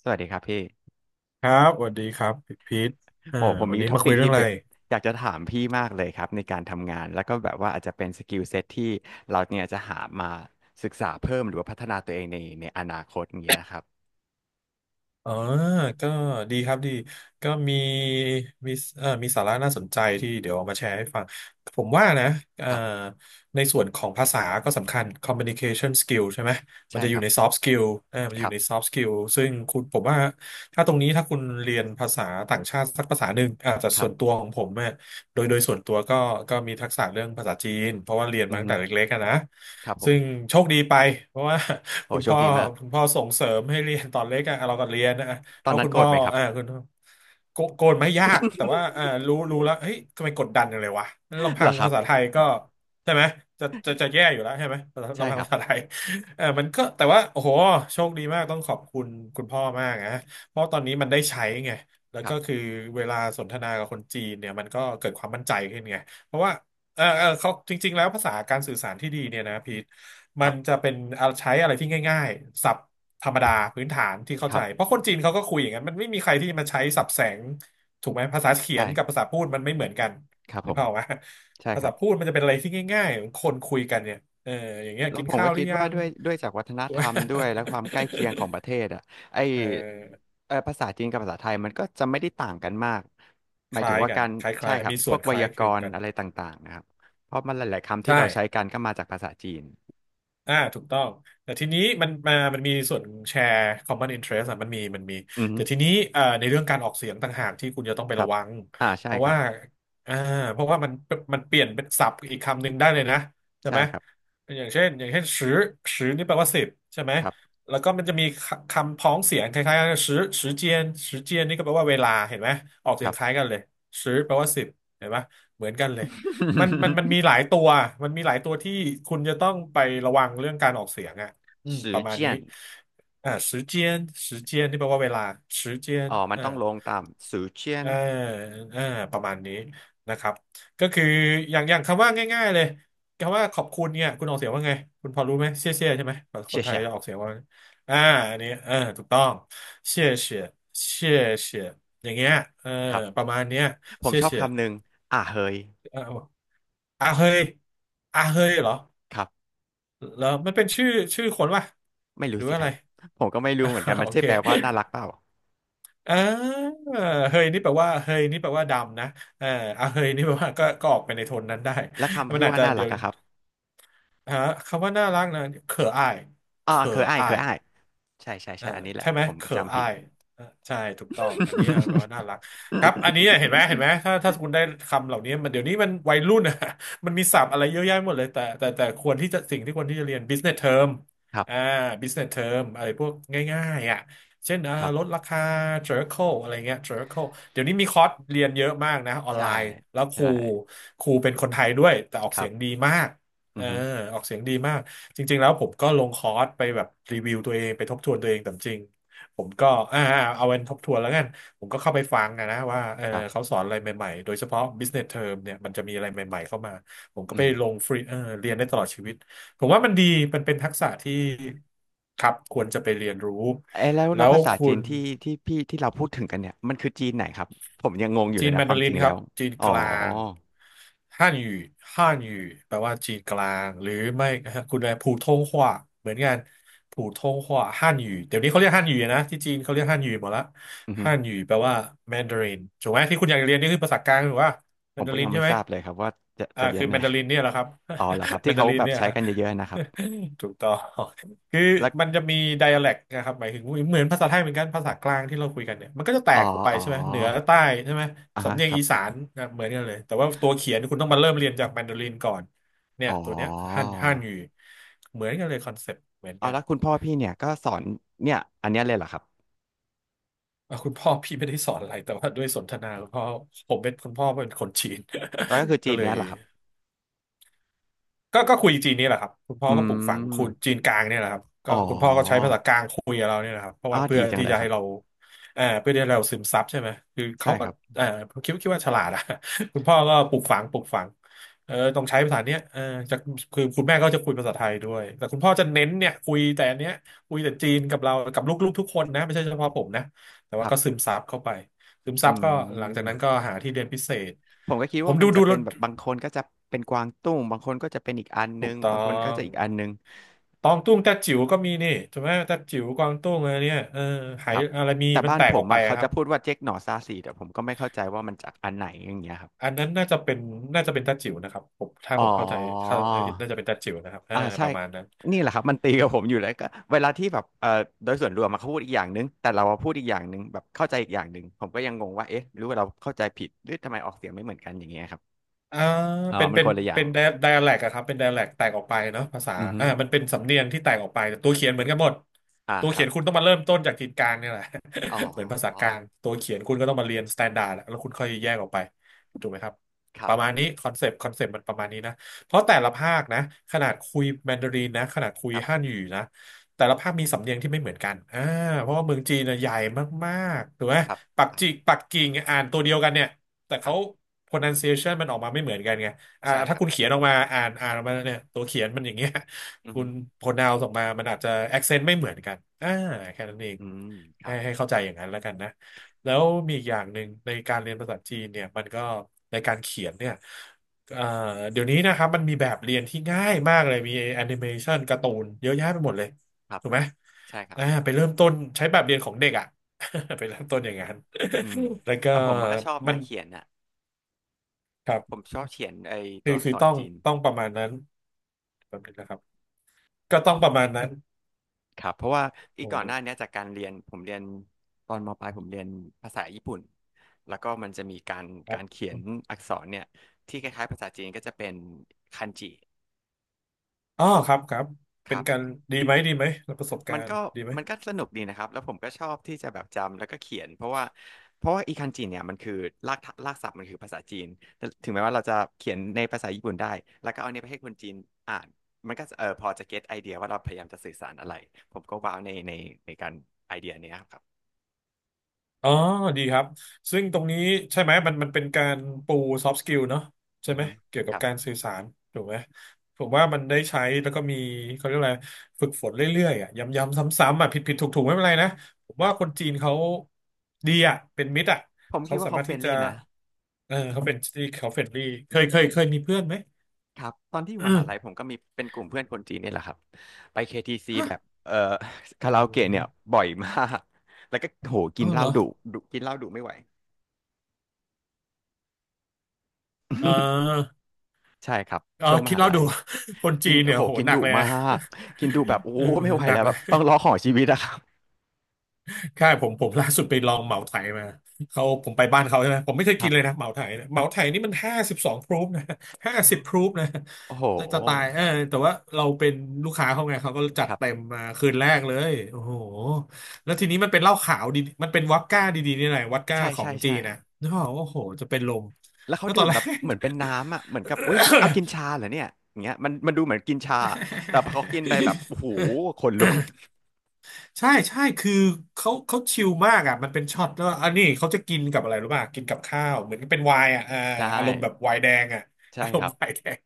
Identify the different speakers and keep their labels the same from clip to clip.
Speaker 1: สวัสดีครับพี่
Speaker 2: ครับสวัสดีครับพีพีทอ่า
Speaker 1: โอ้ผม
Speaker 2: วัน
Speaker 1: มี
Speaker 2: นี้
Speaker 1: ท็อ
Speaker 2: มาคุ
Speaker 1: ปิก
Speaker 2: ยเรื่อ
Speaker 1: ที่
Speaker 2: งอะ
Speaker 1: แบ
Speaker 2: ไร
Speaker 1: บอยากจะถามพี่มากเลยครับในการทำงานแล้วก็แบบว่าอาจจะเป็นสกิลเซ็ตที่เราเนี่ยจะหามาศึกษาเพิ่มหรือว่าพัฒนาตัวเองในอนาคตอย่างเงี้ยครับ
Speaker 2: อ๋อก็ดีครับดีก็มีมีสาระน่าสนใจที่เดี๋ยวเอามาแชร์ให้ฟังผมว่านะเอ่อ
Speaker 1: ครับ
Speaker 2: ในส่วนของภาษาก็สำคัญ communication skill ใช่ไหมมัน
Speaker 1: ใช่
Speaker 2: จะอ
Speaker 1: ค
Speaker 2: ยู่
Speaker 1: รับ
Speaker 2: ใน soft skill เอ่ามัน
Speaker 1: ค
Speaker 2: อยู่
Speaker 1: รั
Speaker 2: ใน
Speaker 1: บ
Speaker 2: soft skill ซึ่งคุณผมว่าถ้าตรงนี้ถ้าคุณเรียนภาษาต่างชาติสักภาษาหนึ่งอาจจะ
Speaker 1: ค
Speaker 2: ส่
Speaker 1: รับ
Speaker 2: วนตัวของผมเนี่ยโดยส่วนตัวก็มีทักษะเรื่องภาษาจีนเพราะว่าเรียน
Speaker 1: อื
Speaker 2: มา
Speaker 1: อ
Speaker 2: ตั้ง
Speaker 1: ฮึ
Speaker 2: แต่เล็กๆอะนะ
Speaker 1: ครับผ
Speaker 2: ซึ่ง
Speaker 1: ม
Speaker 2: โชคดีไปเพราะว่า
Speaker 1: โอ้
Speaker 2: คุณ
Speaker 1: โช
Speaker 2: พ่
Speaker 1: ค
Speaker 2: อ
Speaker 1: ดีมาก
Speaker 2: คุณพ่อส่งเสริมให้เรียนตอนเล็กอะเราก็เรียนนะ
Speaker 1: ต
Speaker 2: เพ
Speaker 1: อน
Speaker 2: ราะ
Speaker 1: นั้น
Speaker 2: คุณ
Speaker 1: โกร
Speaker 2: พ่
Speaker 1: ธ
Speaker 2: อ
Speaker 1: ไหมครับ
Speaker 2: คุณโกโกนไม่ยากแต่ว่ารู้แล้วเฮ้ยทำไมกดดันอย่างเลยวะลำ
Speaker 1: เหร
Speaker 2: พั
Speaker 1: อ
Speaker 2: ง
Speaker 1: ครั
Speaker 2: ภา
Speaker 1: บ
Speaker 2: ษาไทยก็ใช่ไหมจะแย่อยู่แล้วใช่ไหม
Speaker 1: ใช่
Speaker 2: ลำพั
Speaker 1: ค
Speaker 2: ง
Speaker 1: รับ
Speaker 2: ภาษาไทย เออมันก็แต่ว่าโอ้โหโชคดีมากต้องขอบคุณคุณพ่อมากนะเพราะตอนนี้มันได้ใช้ไงแล้ว
Speaker 1: ครั
Speaker 2: ก็คื
Speaker 1: บ
Speaker 2: อเวลาสนทนากับคนจีนเนี่ยมันก็เกิดความมั่นใจขึ้นไงเพราะว่า เออเออเขาจริงๆแล้วภาษาการสื่อสารที่ดีเนี่ยนะพีท
Speaker 1: ค
Speaker 2: มั
Speaker 1: รั
Speaker 2: นจะ
Speaker 1: บ
Speaker 2: เป็นเอาใช้อะไรที่ง่ายๆศัพท์ธรรมดาพื้นฐานที่เข้า
Speaker 1: ค
Speaker 2: ใจ
Speaker 1: รับ
Speaker 2: เพราะคนจีนเขาก็คุยอย่างนั้นมันไม่มีใครที่มันใช้ศัพท์แสงถูกไหมภาษาเขียนกับ
Speaker 1: ใช่
Speaker 2: ภาษาพูดมันไม่เหมือนกัน
Speaker 1: ครับ
Speaker 2: ห
Speaker 1: ผ
Speaker 2: รือเป
Speaker 1: ม
Speaker 2: ล่าวะ
Speaker 1: ใช่
Speaker 2: ภา
Speaker 1: ค
Speaker 2: ษา
Speaker 1: รับ
Speaker 2: พูดมันจะเป็นอะไรที่ง่ายๆคนคุยกันเนี่ยเอออย่างเงี้ย
Speaker 1: แล้ว
Speaker 2: กิน
Speaker 1: ผม
Speaker 2: ข้า
Speaker 1: ก็
Speaker 2: วหรื
Speaker 1: คิ
Speaker 2: อ
Speaker 1: ด
Speaker 2: ยั
Speaker 1: ว่า
Speaker 2: ง
Speaker 1: ด้วยจากวัฒน
Speaker 2: ถูก
Speaker 1: ธ
Speaker 2: ไหม
Speaker 1: รรมด้วยและความใกล้เคียงของประเทศอ่ะไอ
Speaker 2: เออ
Speaker 1: เออภาษาจีนกับภาษาไทยมันก็จะไม่ได้ต่างกันมากหมา
Speaker 2: ค
Speaker 1: ยถึ
Speaker 2: ล้า
Speaker 1: ง
Speaker 2: ย
Speaker 1: ว่า
Speaker 2: กัน
Speaker 1: การ
Speaker 2: คล้า
Speaker 1: ใช่
Speaker 2: ย
Speaker 1: ค
Speaker 2: ๆ
Speaker 1: รับ
Speaker 2: มี
Speaker 1: พ
Speaker 2: ส่
Speaker 1: ว
Speaker 2: วน
Speaker 1: กไว
Speaker 2: คล้าย
Speaker 1: ยา
Speaker 2: ค
Speaker 1: ก
Speaker 2: ลึง
Speaker 1: รณ์
Speaker 2: กัน
Speaker 1: อะไรต่างๆนะครับเพราะมันหลายๆคำที่
Speaker 2: ใช่
Speaker 1: เราใช้กันก็มาจากภาษาจีน
Speaker 2: อ่าถูกต้องแต่ทีนี้มันมีส่วนแชร์ common interest อ่ะมันมีมันมี
Speaker 1: อื
Speaker 2: แต่ที
Speaker 1: ม
Speaker 2: นี้ในเรื่องการออกเสียงต่างหากที่คุณจะต้องไป
Speaker 1: ครั
Speaker 2: ระ
Speaker 1: บ
Speaker 2: วัง
Speaker 1: อ่าใช่
Speaker 2: เพราะ
Speaker 1: ครั
Speaker 2: ว่า
Speaker 1: บ
Speaker 2: อ่าเพราะว่ามันเปลี่ยนเป็นศัพท์อีกคำหนึ่งได้เลยนะใช่
Speaker 1: ใช่
Speaker 2: ไหม
Speaker 1: ครับ
Speaker 2: อย่างเช่นสือสือนี่แปลว่าสิบใช่ไหม
Speaker 1: ครับ
Speaker 2: แล้วก็มันจะมีคคำพ้องเสียงคล้ายๆกันสือสือเจียนสือเจียนนี่ก็แปลว่าเวลาเห็นไหมออก
Speaker 1: ค
Speaker 2: เสีย
Speaker 1: รั
Speaker 2: ง
Speaker 1: บ
Speaker 2: คล้ายกันเลยสือแปลว่าสิบเห็นไหมเหมือนกันเลย มันมีหลายตัวมันมีหลายตัวที่คุณจะต้องไประวังเรื่องการออกเสียงอ่ะอืม
Speaker 1: สื
Speaker 2: ป
Speaker 1: อ
Speaker 2: ระมาณ
Speaker 1: เจีย
Speaker 2: นี้
Speaker 1: น
Speaker 2: 时间时间ที่แปลว่าเวลา时间
Speaker 1: อ๋อมั
Speaker 2: เอ
Speaker 1: น
Speaker 2: อ
Speaker 1: ต้องลงตามสือเจีย
Speaker 2: เอ
Speaker 1: น
Speaker 2: อเออประมาณนี้นะครับก็คืออย่างคำว่าง่ายๆเลยคำว่าขอบคุณเนี่ยคุณออกเสียงว่าไงคุณพอรู้ไหมเชี่ยเชี่ยใช่ไหมค
Speaker 1: เฉี
Speaker 2: น
Speaker 1: ย
Speaker 2: ไท
Speaker 1: เฉี
Speaker 2: ย
Speaker 1: ย
Speaker 2: ออกเสียงว่าไงอ่าอันนี้เออถูกต้องเชี่ยเชี่ยเชี่ยเชี่ยอย่างเงี้ยเออ
Speaker 1: ครั
Speaker 2: ป
Speaker 1: บ
Speaker 2: ระมาณเนี้ย
Speaker 1: ผม
Speaker 2: เชี่ย
Speaker 1: ชอบ
Speaker 2: เชี่ย
Speaker 1: คำหนึ่งอ่าเฮย
Speaker 2: อาเฮยอาเฮยเหรอ
Speaker 1: ครับ
Speaker 2: แล้วมันเป็นชื่อชื่อคนว่ะ
Speaker 1: ไม่
Speaker 2: ห
Speaker 1: รู้
Speaker 2: รือ
Speaker 1: สิ
Speaker 2: ว่า
Speaker 1: ค
Speaker 2: อะ
Speaker 1: รั
Speaker 2: ไร
Speaker 1: บผมก็ไม่รู้
Speaker 2: อ่า
Speaker 1: เหมือนกัน มั
Speaker 2: โอ
Speaker 1: นใช่
Speaker 2: เค
Speaker 1: แปลว่าน่ารักเปล่า
Speaker 2: อ่าเฮยนี่แปลว่าดำนะเอ่าอาเฮยนี่แปลว่าก็ออกไปในโทนนั้นได้
Speaker 1: และคำ
Speaker 2: มัน
Speaker 1: ที่
Speaker 2: อาจ
Speaker 1: ว่า
Speaker 2: จะ
Speaker 1: น่า
Speaker 2: เดี๋
Speaker 1: รั
Speaker 2: ย
Speaker 1: ก
Speaker 2: ว
Speaker 1: อะครับ
Speaker 2: ฮะคำว่าน่ารักนะ เขออาย
Speaker 1: อ่า
Speaker 2: เขอ
Speaker 1: เคยอ้าย
Speaker 2: อา
Speaker 1: เคย
Speaker 2: ย
Speaker 1: อ้ายใช่ใช่
Speaker 2: เออ
Speaker 1: ใช่อันนี้แหละ
Speaker 2: ใช่ไหม
Speaker 1: ผม
Speaker 2: เขอ
Speaker 1: จำ
Speaker 2: อา
Speaker 1: ผิด
Speaker 2: ยเออใช่ถูกต้องอันนี้แปลว่าน่ารักครับอันนี้เห็นไหมเห็นไห มถ้าคุณได้คำเหล่านี้มันเดี๋ยวนี้มันวัยรุ่นอะ มันมีศัพท์อะไรเยอะแยะหมดเลยแต่ควรที่จะสิ่งที่ควรที่จะเรียน business term
Speaker 1: ครั
Speaker 2: อ่า
Speaker 1: บ
Speaker 2: business term อะไรพวกง่ายๆอ่ะเช่น
Speaker 1: ครั
Speaker 2: ลด
Speaker 1: บ
Speaker 2: ราคา circle อะไรเงี้ย circle เดี๋ยวนี้มีคอร์สเรียนเยอะมากนะออนไล
Speaker 1: ใช่
Speaker 2: น์แล้วค
Speaker 1: ใช่
Speaker 2: รูครูเป็นคนไทยด้วยแต่ออก
Speaker 1: ครั
Speaker 2: เสีย
Speaker 1: บ
Speaker 2: งดีมากเอ
Speaker 1: อื
Speaker 2: อ
Speaker 1: อฮึ
Speaker 2: ออกเสียงดีมาก จริงๆแล้วผมก็ลงคอร์สไปแบบรีวิวตัวเองไปทบทวนตัวเองแต่จริงผมก็อ่าเอาเป็นทบทวนแล้วกันผมก็เข้าไปฟังอะนะว่า
Speaker 1: ครั
Speaker 2: เขา
Speaker 1: บ
Speaker 2: สอนอะไรใหม่ๆโดยเฉพาะ business term เนี่ยมันจะมีอะไรใหม่ๆเข้ามาผมก็
Speaker 1: อื
Speaker 2: ไป
Speaker 1: ม
Speaker 2: ลงฟรีเรียนได้ตลอดชีวิตผมว่ามันดีมันเป็นทักษะที่ครับควรจะไปเรียนรู้
Speaker 1: เอ้ยแล้วแล้
Speaker 2: แล้
Speaker 1: ว
Speaker 2: ว
Speaker 1: ภาษา
Speaker 2: คุ
Speaker 1: จีน
Speaker 2: ณ
Speaker 1: ที่ที่เราพูดถึงกันเนี่ยมันคือจีนไหนครับผมยังงงอยู่
Speaker 2: จี
Speaker 1: เลย
Speaker 2: นแม
Speaker 1: นะ
Speaker 2: น
Speaker 1: ควา
Speaker 2: ดา
Speaker 1: ม
Speaker 2: ริ
Speaker 1: จ
Speaker 2: น
Speaker 1: ริง
Speaker 2: ค
Speaker 1: แล้
Speaker 2: รับ
Speaker 1: ว
Speaker 2: จีน
Speaker 1: อ๋อ
Speaker 2: กลางฮั่นอยู่ฮั่นอยู่แปลว่าจีนกลางหรือไม่คุณอะไรผู่ทงฮวาเหมือนกันผู่ทงฮวาฮั่นอยู่เดี๋ยวนี้เขาเรียกฮั่นอยู่นะที่จีนเขาเรียกฮั่นอยู่หมดละ
Speaker 1: อือฮึ
Speaker 2: ฮั่นอยู่แปลว่าแมนดารินถูกไหมที่คุณอยากเรียนนี่คือภาษากลางหรือว่า
Speaker 1: ผ
Speaker 2: แมน
Speaker 1: ม
Speaker 2: ดา
Speaker 1: ก็
Speaker 2: ริ
Speaker 1: ยั
Speaker 2: น
Speaker 1: งไม่
Speaker 2: ใช่ไหม
Speaker 1: ทราบเลยครับว่าจะจะเรีย
Speaker 2: คื
Speaker 1: น
Speaker 2: อ
Speaker 1: ไหน
Speaker 2: แมนดารินเนี่ยแหละครับ
Speaker 1: อ๋อเหรอครับ
Speaker 2: แม
Speaker 1: ที่
Speaker 2: นดา
Speaker 1: เขา
Speaker 2: ริน
Speaker 1: แบบ
Speaker 2: เนี่ย
Speaker 1: ใช้
Speaker 2: ฮะ
Speaker 1: กันเยอะๆนะครับ
Speaker 2: ถูกต้อง คือ
Speaker 1: แล้ว
Speaker 2: มันจะมี dialect นะครับหมายถึงเหมือนภาษาไทยเหมือนกันภาษากลางที่เราคุยกันเนี่ยมันก็จะแต
Speaker 1: อ๋อ
Speaker 2: กออกไป
Speaker 1: อ๋อ
Speaker 2: ใช่ไหมเหนือใต้ใช่ไหม
Speaker 1: อ่า
Speaker 2: สำ
Speaker 1: ฮะ
Speaker 2: เนีย
Speaker 1: ค
Speaker 2: ง
Speaker 1: รับ
Speaker 2: อีสานนะเหมือนกันเลยแต่ว่าตัวเขียนคุณต้องมาเริ่มเรียนจากแมนดารินก่อนเนี่ย
Speaker 1: อ๋อ
Speaker 2: ตัวเนี้ยฮั่นอยู่เหมือนกันเลยคอนเซ็ปต์เหมือน
Speaker 1: เอา
Speaker 2: กัน
Speaker 1: แล้วคุณพ่อพี่เนี่ยก็สอนเนี่ยอันเนี้ยเลยเหรอครับ
Speaker 2: อ่ะคุณพ่อพี่ไม่ได้สอนอะไรแต่ว่าด้วยสนทนาคุณพ่อผมเป็นคุณพ่อเป็นคนจีน
Speaker 1: แล้วก็คือ
Speaker 2: ก็
Speaker 1: จีน
Speaker 2: เล
Speaker 1: เนี้
Speaker 2: ย
Speaker 1: ยเหรอครับ
Speaker 2: ก็คุยจีนนี่แหละครับคุณพ่อ
Speaker 1: อื
Speaker 2: ก็ปลูกฝัง
Speaker 1: ม
Speaker 2: คุณจีนกลางเนี่ยแหละครับก็
Speaker 1: อ๋อ
Speaker 2: คุณพ่อก็ใช้ภาษากลางคุยกับเราเนี่ยแหละครับเพราะ
Speaker 1: อ๋อ
Speaker 2: ว่าเพื่
Speaker 1: ดี
Speaker 2: อ
Speaker 1: จัง
Speaker 2: ที่
Speaker 1: เลย
Speaker 2: จะ
Speaker 1: ครั
Speaker 2: ให้
Speaker 1: บ
Speaker 2: เราเพื่อที่ให้เราซึมซับใช่ไหมคือ
Speaker 1: ใช่
Speaker 2: เขา
Speaker 1: ค
Speaker 2: ก็
Speaker 1: รับ
Speaker 2: เอ่อคิดว่าฉลาดอ่ะ คุณพ่อก็ปลูกฝังเออต้องใช้ภาษาเนี้ยเออจะคือคุณแม่ก็จะคุยภาษาไทยด้วยแต่คุณพ่อจะเน้นเนี่ยคุยแต่อันเนี้ยคุยแต่จีนกับเรากับลูกๆทุกคนนะไม่ใช่เฉพาะผมนะแต่
Speaker 1: ค
Speaker 2: ว่า
Speaker 1: รั
Speaker 2: ก็ซึ
Speaker 1: บ
Speaker 2: มซับเข้าไปซึมซั
Speaker 1: อื
Speaker 2: บก็หลังจากนั้นก็
Speaker 1: ม
Speaker 2: หาที่เรียนพิเศษ
Speaker 1: ผมก็คิด
Speaker 2: ผ
Speaker 1: ว่า
Speaker 2: มดู
Speaker 1: มันจะ
Speaker 2: ดู
Speaker 1: เป็
Speaker 2: แล้
Speaker 1: น
Speaker 2: ว
Speaker 1: แบบบางคนก็จะเป็นกวางตุ้งบางคนก็จะเป็นอีกอันนึ
Speaker 2: ถูก
Speaker 1: ง
Speaker 2: ต้อ
Speaker 1: บางคนก็
Speaker 2: ง
Speaker 1: จะอีกอันนึง
Speaker 2: ตองตุ้งแต่จิ๋วก็มีนี่ถูกไหมแตัจิ๋วกวางตุ้งอะไรเนี่ยเออหา
Speaker 1: ค
Speaker 2: ย
Speaker 1: รับ
Speaker 2: อะไรมี
Speaker 1: แต่
Speaker 2: มัน
Speaker 1: บ้าน
Speaker 2: แตก
Speaker 1: ผ
Speaker 2: อ
Speaker 1: ม
Speaker 2: อกไป
Speaker 1: อ่ะ
Speaker 2: อะ
Speaker 1: เขา
Speaker 2: ครั
Speaker 1: จะ
Speaker 2: บ
Speaker 1: พูดว่าเจ๊กหน่อซาสีแต่ผมก็ไม่เข้าใจว่ามันจากอันไหนอย่างเงี้ยครับ
Speaker 2: อันนั้นน่าจะเป็นน่าจะเป็นแต่จิ๋วนะครับผมถ้า
Speaker 1: อ๋อ
Speaker 2: ผมเข้าใจเข้าน่าจะเป็นแต่จิ๋วนะครับอ่า
Speaker 1: อ่าใช่
Speaker 2: ประมาณนั้น
Speaker 1: นี่แหละครับมันตีกับผมอยู่แล้วก็เวลาที่แบบโดยส่วนรวมมาเขาพูดอีกอย่างนึงแต่เราพูดอีกอย่างนึงแบบเข้าใจอีกอย่างนึงผมก็ยังงงว่าเอ๊ะหรือว่าเราเข้าใจผิดหรือทำไมออกเสียงไม่เหมือนกันอย่างเงี้ยครับ
Speaker 2: อ่า
Speaker 1: อ๋อ
Speaker 2: เป็น
Speaker 1: มัน
Speaker 2: เป็
Speaker 1: ค
Speaker 2: น
Speaker 1: นละอย่า
Speaker 2: เป็
Speaker 1: ง
Speaker 2: นไดอะแลกอะครับเป็นไดอะแลกแตกออกไปเนาะภาษา
Speaker 1: อือฮึ
Speaker 2: อ่ามันเป็นสำเนียงที่แตกออกไปแต่ตัวเขียนเหมือนกันหมด
Speaker 1: อ่า
Speaker 2: ตัว
Speaker 1: ค
Speaker 2: เขี
Speaker 1: รั
Speaker 2: ย
Speaker 1: บ
Speaker 2: นคุณต้องมาเริ่มต้นจากถิ่นกลางเนี่ยแหละ
Speaker 1: อ๋อ
Speaker 2: เหมือนภาษากลางตัวเขียนคุณก็ต้องมาเรียนสแตนดาร์ดแล้วคุณค่อยแยกออกไปถูกไหมครับ
Speaker 1: ค
Speaker 2: ป
Speaker 1: รับ
Speaker 2: ระมาณนี้คอนเซปต์มันประมาณนี้นะเพราะแต่ละภาคนะขนาดคุยแมนดารินนะขนาดคุย
Speaker 1: ครับ
Speaker 2: ฮั่นอยู่นะแต่ละภาคมีสำเนียงที่ไม่เหมือนกันอ่าเพราะว่าเมืองจีนนะใหญ่มากๆถูกไหม
Speaker 1: ครับ
Speaker 2: ปัก
Speaker 1: ครับ
Speaker 2: จิปักกิ่งอ่านตัวเดียวกันเนี่ย แต่
Speaker 1: ครั
Speaker 2: เขา
Speaker 1: บ
Speaker 2: pronunciation มันออกมาไม่เหมือนกันไงอ่า
Speaker 1: ใช่ค
Speaker 2: ถ้า
Speaker 1: รับ
Speaker 2: คุณเขียนออกมาอ่านออกมาเนี่ยตัวเขียนมันอย่างเงี้ย
Speaker 1: อื อ
Speaker 2: คุ
Speaker 1: ฮึ
Speaker 2: ณ pronounce ออกมามันอาจจะ accent ไม่เหมือนกันอ่าแค่นั้นเอง
Speaker 1: อืมครั
Speaker 2: แค่
Speaker 1: บ
Speaker 2: ให้เข้าใจอย่างนั้นแล้วกันนะแล้วมีอีกอย่างหนึ่งในการเรียนภาษาจีนเนี่ยมันก็ในการเขียนเนี่ยเอ่อเดี๋ยวนี้นะครับมันมีแบบเรียนที่ง่ายมากเลยมีแอนิเมชันการ์ตูนเยอะแยะไปหมดเลย
Speaker 1: ครับ
Speaker 2: ถูกไหม
Speaker 1: ใช่ครับ
Speaker 2: อ่าไปเริ่มต้นใช้แบบเรียนของเด็กอ่ะ ไปเริ่มต้นอย่างนั้น
Speaker 1: อืม
Speaker 2: แล้วก็
Speaker 1: แต่ผมมันก็ชอบ
Speaker 2: มั
Speaker 1: นะ
Speaker 2: น
Speaker 1: เขียนน่ะ
Speaker 2: ครั
Speaker 1: ผม
Speaker 2: บ
Speaker 1: ชอบเขียนไอ้ตั
Speaker 2: คือ
Speaker 1: วอัก
Speaker 2: คือ
Speaker 1: ษร
Speaker 2: ต้อง
Speaker 1: จีน
Speaker 2: ต้องประมาณนั้นแบบนี้นะครับก็ต้องประมาณนั้น
Speaker 1: ครับเพราะว่าอีก
Speaker 2: โอ้
Speaker 1: ก่อน
Speaker 2: เดี๋
Speaker 1: ห
Speaker 2: ยว
Speaker 1: น้าเนี้ยจากการเรียนผมเรียนตอนมปลายผมเรียนภาษาญี่ปุ่นแล้วก็มันจะมีการ
Speaker 2: ครับ
Speaker 1: เขียนอักษรเนี่ยที่คล้ายๆภาษาจีนก็จะเป็นคันจิ
Speaker 2: อ๋อครับครับ
Speaker 1: ค
Speaker 2: เป็
Speaker 1: รั
Speaker 2: น
Speaker 1: บ
Speaker 2: การดีไหมแล้วประสบ
Speaker 1: มั
Speaker 2: กา
Speaker 1: น
Speaker 2: ร
Speaker 1: ก็
Speaker 2: ณ์ดีไหม
Speaker 1: มันก็สนุกดีนะครับแล้วผมก็ชอบที่จะแบบจำแล้วก็เขียนเพราะว่าอีคันจิเนี่ยมันคือรากศัพท์มันคือภาษาจีนแต่ถึงแม้ว่าเราจะเขียนในภาษาญี่ปุ่นได้แล้วก็เอาเนี่ยไปให้คนจีนอ่านมันก็จะเออพอจะเก็ตไอเดียว่าเราพยายามจะสื่อสารอะไรผมก็ว้าวในในการไอเดียเนี้ยครับ
Speaker 2: อ๋อดีครับ ซึ่งตรงนี้ใช่ไหมมันเป็นการปู soft skill เนอะใช่
Speaker 1: อือ
Speaker 2: ไหม
Speaker 1: ฮึ
Speaker 2: เกี่ยว
Speaker 1: ค
Speaker 2: กับ
Speaker 1: รับ
Speaker 2: การสื่อสารถูกไหม ผมว่ามันได้ใช้แล้วก็มีเขาเรียกอะไรฝึกฝนเรื่อยๆอ่ะย้ำๆซ้ำๆอ่ะผิดผิดถูกถูกๆไม่เป็นไรนะ ผม
Speaker 1: ครั
Speaker 2: ว่า
Speaker 1: บ
Speaker 2: คนจีนเขาดีอ่ะเป็นมิตรอ่ะ
Speaker 1: ผมคิ
Speaker 2: เขา
Speaker 1: ดว่า
Speaker 2: สา
Speaker 1: เขา
Speaker 2: มารถ
Speaker 1: เฟร
Speaker 2: ที่
Speaker 1: น
Speaker 2: จะ
Speaker 1: ลี่นะ
Speaker 2: เออเขาเป็นที่เขาเฟรนลี่เคยมีเพื่อนไหม
Speaker 1: ครับตอนที่อยู่
Speaker 2: อื
Speaker 1: ม
Speaker 2: ม
Speaker 1: หาลัยผมก็มีเป็นกลุ่มเพื่อนคนจีนนี่แหละครับไป KTC แบบ
Speaker 2: ฮะ
Speaker 1: เอ่อ
Speaker 2: อื
Speaker 1: คาราโอเกะเนี่ย
Speaker 2: ม
Speaker 1: บ่อยมากแล้วก็โหกิ
Speaker 2: เอา
Speaker 1: นเห
Speaker 2: เห
Speaker 1: ล้า
Speaker 2: รอ
Speaker 1: ดุดุกินเหล้าดุไม่ไหว
Speaker 2: เ ออ
Speaker 1: ใช่ครับ
Speaker 2: เออ
Speaker 1: ช่วงม
Speaker 2: คิด
Speaker 1: หา
Speaker 2: เล่า
Speaker 1: ลั
Speaker 2: ดู
Speaker 1: ย
Speaker 2: คน
Speaker 1: กิ
Speaker 2: จี
Speaker 1: น
Speaker 2: น
Speaker 1: โอ้
Speaker 2: เนี่ย
Speaker 1: โห
Speaker 2: โห
Speaker 1: กิน
Speaker 2: หนั
Speaker 1: ดุ
Speaker 2: กเลย
Speaker 1: มา
Speaker 2: นะ
Speaker 1: กกินดุแบบ โอ้
Speaker 2: เออ
Speaker 1: ไม่ไหว
Speaker 2: หนั
Speaker 1: แล้
Speaker 2: ก
Speaker 1: ว
Speaker 2: เล
Speaker 1: แบ
Speaker 2: ย
Speaker 1: บต้องร้องขอชีวิตอะครับ
Speaker 2: ใช่ผม ล่าสุดไปลองเหมาไถมาเขาผมไปบ้านเขาใช่ไหมผมไม่เคย
Speaker 1: ค
Speaker 2: กิ
Speaker 1: รั
Speaker 2: น
Speaker 1: บ
Speaker 2: เลยนะเหมาไถนะเหมาไถนี่มัน52 พรูฟนะ50 พรูฟนะ
Speaker 1: โอ้โห
Speaker 2: จะตายเออแต่ว่าเราเป็นลูกค้าเขาไงเขาก็จัด
Speaker 1: ครั
Speaker 2: เต็
Speaker 1: บ
Speaker 2: มมาคืนแรกเลยโอ้โหแล้วทีนี้มันเป็นเหล้าขาวดีมันเป็นวอดก้าดีๆนี่แหละวอดก้า
Speaker 1: ใช่
Speaker 2: ขอ
Speaker 1: ใช่
Speaker 2: งจี
Speaker 1: ใช่
Speaker 2: นนะนึกออกโอ้โหจะเป็นลม
Speaker 1: แล้วเขา
Speaker 2: แล้วต
Speaker 1: ดื่
Speaker 2: อน
Speaker 1: ม
Speaker 2: แร
Speaker 1: แบบ
Speaker 2: ก
Speaker 1: เหมือนเป็นน้ำอ่ะเหมือนกับอุ๊ยเอากินชาเหรอเนี่ยอย่างเงี้ยมันมันดูเหมือนกินชาแต่พอเขากินไปแบบโอ้โหขนลุก
Speaker 2: ใช่ใช่คือเขาชิลมากอ่ะมันเป็นช็อตแล้วอันนี้เขาจะกินกับอะไรรู้ป่ะกินกับข้าวเหมือนเป็นไวน์อ่ะเออ
Speaker 1: ใช่
Speaker 2: อารมณ์แบบไวน์แดงอ่ะ
Speaker 1: ใช่
Speaker 2: อาร
Speaker 1: ค
Speaker 2: ม
Speaker 1: รั
Speaker 2: ณ์
Speaker 1: บ
Speaker 2: ไวน์แดง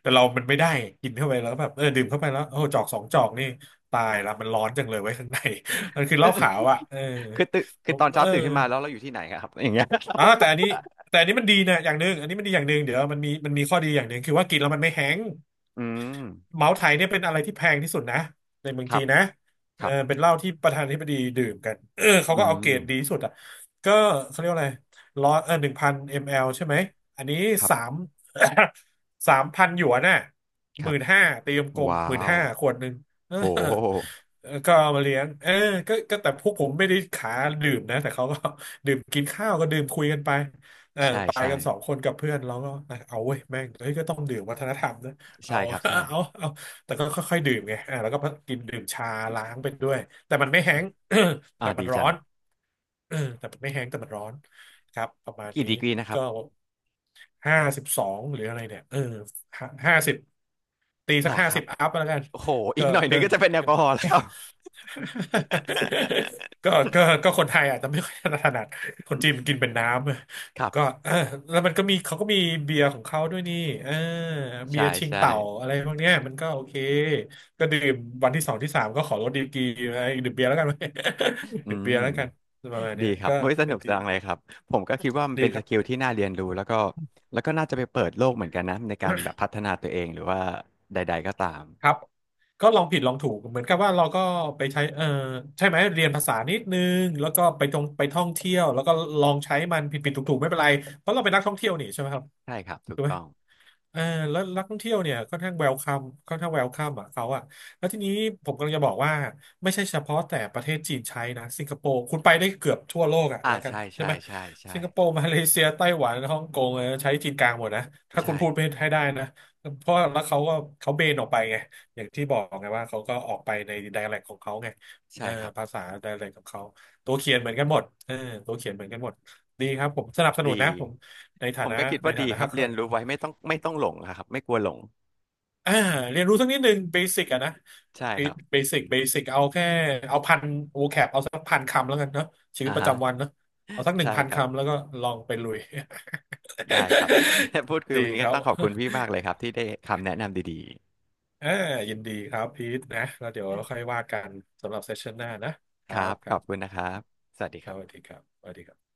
Speaker 2: แต่เรามันไม่ได้กินเข้าไปแล้วแบบเออดื่มเข้าไปแล้วโอ้โหจอก2 จอกนี่ตายละมันร้อนจังเลยไว้ยข้างใน มันคือเหล้าขาว อ่ะเออ
Speaker 1: คือตื่น
Speaker 2: ผ
Speaker 1: คือ
Speaker 2: ม
Speaker 1: ตอนเช้าตื่นขึ้นมาแล้วเราอยู่ที่ไหนครับอย่างเงี้ย
Speaker 2: แต่อันนี้มันดีนะอย่างหนึ่งอันนี้มันดีอย่างหนึ่งเดี๋ยวมันมีข้อดีอย่างหนึ่งคือว่ากินแล้วมันไม่แห้ง
Speaker 1: อืม
Speaker 2: เมาส์ไถเนี่ยเป็นอะไรที่แพงที่สุดนะในเมือง
Speaker 1: ครั
Speaker 2: จี
Speaker 1: บ
Speaker 2: นนะ
Speaker 1: ค
Speaker 2: เออ
Speaker 1: รับ
Speaker 2: เป็นเหล้าที่ประธานาธิบดีดื่มกันเออเขา
Speaker 1: อื
Speaker 2: ก็เอาเกร
Speaker 1: ม
Speaker 2: ดดีที่สุดอ่ะก็เขาเรียกว่าอะไรร้อยหนึ่งพันมลใช่ไหมอันนี้
Speaker 1: ครั
Speaker 2: สา
Speaker 1: บ
Speaker 2: ม 3,000 หยวนน่ะ
Speaker 1: ค
Speaker 2: ห
Speaker 1: รั
Speaker 2: มื่
Speaker 1: บ
Speaker 2: นห้าตีกลม
Speaker 1: ว้า
Speaker 2: หมื่น
Speaker 1: ว
Speaker 2: ห้าขวดหนึ่งเอ
Speaker 1: โอ
Speaker 2: อ
Speaker 1: ้
Speaker 2: เออก็เอามาเลี้ยงเออก็แต่พวกผมไม่ได้ขาดื่มนะแต่เขาก็ ดื่มกินข้าวก็ดื่มคุยกันไปเออ
Speaker 1: ใช่
Speaker 2: ไป
Speaker 1: ใช่
Speaker 2: กัน2 คนกับเพื่อนเราก็นะเอาเว้ยแม่งเฮ้ยก็ต้องดื่มวัฒนธรรมนะ เอา
Speaker 1: ใช่ครับใช่
Speaker 2: เอา แต่ก็ค่อยๆดื่มไงอ่าแล้วก็กินดื่มชาล้างไปด้วย แต่มันไม่แห้ง
Speaker 1: อ่า
Speaker 2: แต่มั
Speaker 1: ดี
Speaker 2: นร้
Speaker 1: จั
Speaker 2: อ
Speaker 1: ง
Speaker 2: น เออแต่มันไม่แห้งแต่มันร้อนครับ ประมาณ
Speaker 1: กี่
Speaker 2: นี้
Speaker 1: ดีกรีนะครั
Speaker 2: ก็
Speaker 1: บ
Speaker 2: 52หรืออะไรเนี่ยเออห้าสิบตี
Speaker 1: ห
Speaker 2: สั
Speaker 1: ร
Speaker 2: ก
Speaker 1: อ
Speaker 2: ห้า
Speaker 1: ครั
Speaker 2: สิ
Speaker 1: บ
Speaker 2: บอัพแล้วกัน
Speaker 1: โอ้โหอี
Speaker 2: ก็
Speaker 1: กหน่อยห
Speaker 2: ก็
Speaker 1: นึ่งก็จะเป็นแอล
Speaker 2: ก็
Speaker 1: กอฮอล์แล้ว
Speaker 2: ก็ก็ก็คนไทยอาจจะไม่ค่อยถนัดคนจีนมันกินเป็นน้ำ ผ
Speaker 1: ค
Speaker 2: ม
Speaker 1: รับ
Speaker 2: ก็
Speaker 1: ครับ
Speaker 2: เออแล้วมันก็มีเขาก็มีเบียร์ของเขาด้วยนี่เออเบีย
Speaker 1: ใช่
Speaker 2: ร์ชิง
Speaker 1: ใช่
Speaker 2: เต่าอะไรพวกเนี้ยมันก็โอเคก็ดื่มวันที่สองที่สามก็ขอลดดีกรีไอ้ดื่มเบียร์แล้วกัน
Speaker 1: อื
Speaker 2: ดื่มเบีย
Speaker 1: ม
Speaker 2: ร์แล้วกันประมาณเนี้
Speaker 1: ดี
Speaker 2: ย
Speaker 1: ครับ
Speaker 2: ก็
Speaker 1: เว้ยส
Speaker 2: ก็
Speaker 1: นุก
Speaker 2: ดี
Speaker 1: จังเลยครับผมก็คิดว่ามัน
Speaker 2: ดี
Speaker 1: เป็น
Speaker 2: ค
Speaker 1: ส
Speaker 2: รั
Speaker 1: กิล
Speaker 2: บ
Speaker 1: ที่น่าเรียนรู้แล้วก็แล้วก็น่าจะไปเปิดโลกเหมือนกันนะในการแบบพัฒนาตัวเองหรือว่าใดๆก็ตาม
Speaker 2: ครับก็ลองผิดลองถูกเหมือนกับว่าเราก็ไปใช้เออใช่ไหมเรียนภาษานิดนึงแล้วก็ไปท่องเที่ยวแล้วก็ลองใช้มันผิดผิดถูกถูกๆไม่เป็นไรเพราะเราเป็นนักท่องเที่ยวนี่ใช่ไหมครับ
Speaker 1: ใช่ครับถู
Speaker 2: ถู
Speaker 1: ก
Speaker 2: กไหม
Speaker 1: ต้อง
Speaker 2: เออแล้วนักท่องเที่ยวเนี่ยค่อนข้างเวลคัมค่อนข้างเวลคัมอ่ะเขาอ่ะแล้วทีนี้ผมกำลังจะบอกว่าไม่ใช่เฉพาะแต่ประเทศจีนใช้นะสิงคโปร์คุณไปได้เกือบทั่วโลกอ่ะ
Speaker 1: อ่า
Speaker 2: แล้วกัน
Speaker 1: ใช่
Speaker 2: ใช่
Speaker 1: ใช่
Speaker 2: ไหม
Speaker 1: ใช่ใช่
Speaker 2: สิงคโปร์ มาเลเซียไต้หวันฮ่องกงเออใช้จีนกลางหมดนะถ้าคุณ
Speaker 1: ใช่
Speaker 2: พูดไปให้ได้นะเพราะแล้วเขาก็เขาเบนออกไปไงอย่างที่บอกไงว่าเขาก็ออกไปในไดแลกของเขาไงเอ
Speaker 1: ใช่
Speaker 2: อ
Speaker 1: ครับ
Speaker 2: ภาษาดแลกของเขาตัวเขียนเหมือนกันหมดเออตัวเขียนเหมือนกันหมดดีครับผมสนับสนุน
Speaker 1: ดี
Speaker 2: นะผมในฐา
Speaker 1: ผม
Speaker 2: นะ
Speaker 1: ก็คิด
Speaker 2: ใน
Speaker 1: ว่าดี
Speaker 2: ฐานะ
Speaker 1: ครับเรียนรู้ ไว้ไม่ต้องหลงนะครับไม่กลัวหลง
Speaker 2: อ่าเรียนรู้สักนิดหนึ่งเบสิกอะนะ
Speaker 1: ใช่ครับ
Speaker 2: เบสิกเอาแค่เอาพันเอาสักพันคำแล้วกันเนาะชีวิต
Speaker 1: อ่า
Speaker 2: ประ
Speaker 1: ฮะ
Speaker 2: จำวันเนาะเอาสักหนึ่ง
Speaker 1: ใช่
Speaker 2: พัน
Speaker 1: ครั
Speaker 2: คำ
Speaker 1: บ
Speaker 2: แล้วก็ลองไปลุย
Speaker 1: ได้ครับ และพูดคุ ย
Speaker 2: ดี
Speaker 1: วันนี้
Speaker 2: ค
Speaker 1: ก็
Speaker 2: รับ
Speaker 1: ต้องข อบคุณพี่มากเลยครับที่ได้คำแนะนำดี
Speaker 2: อ่ายินดีครับพีทนะแล้วเดี๋ยวค่อยว่ากันสำหรับเซสชันหน้านะค
Speaker 1: ๆค
Speaker 2: รั
Speaker 1: รั
Speaker 2: บ
Speaker 1: บ
Speaker 2: ค
Speaker 1: ข
Speaker 2: รั
Speaker 1: อ
Speaker 2: บ
Speaker 1: บคุณนะครับสวัสดี
Speaker 2: ค
Speaker 1: ค
Speaker 2: รั
Speaker 1: รั
Speaker 2: บสวัส
Speaker 1: บ
Speaker 2: ดีครับสวัสดีครับ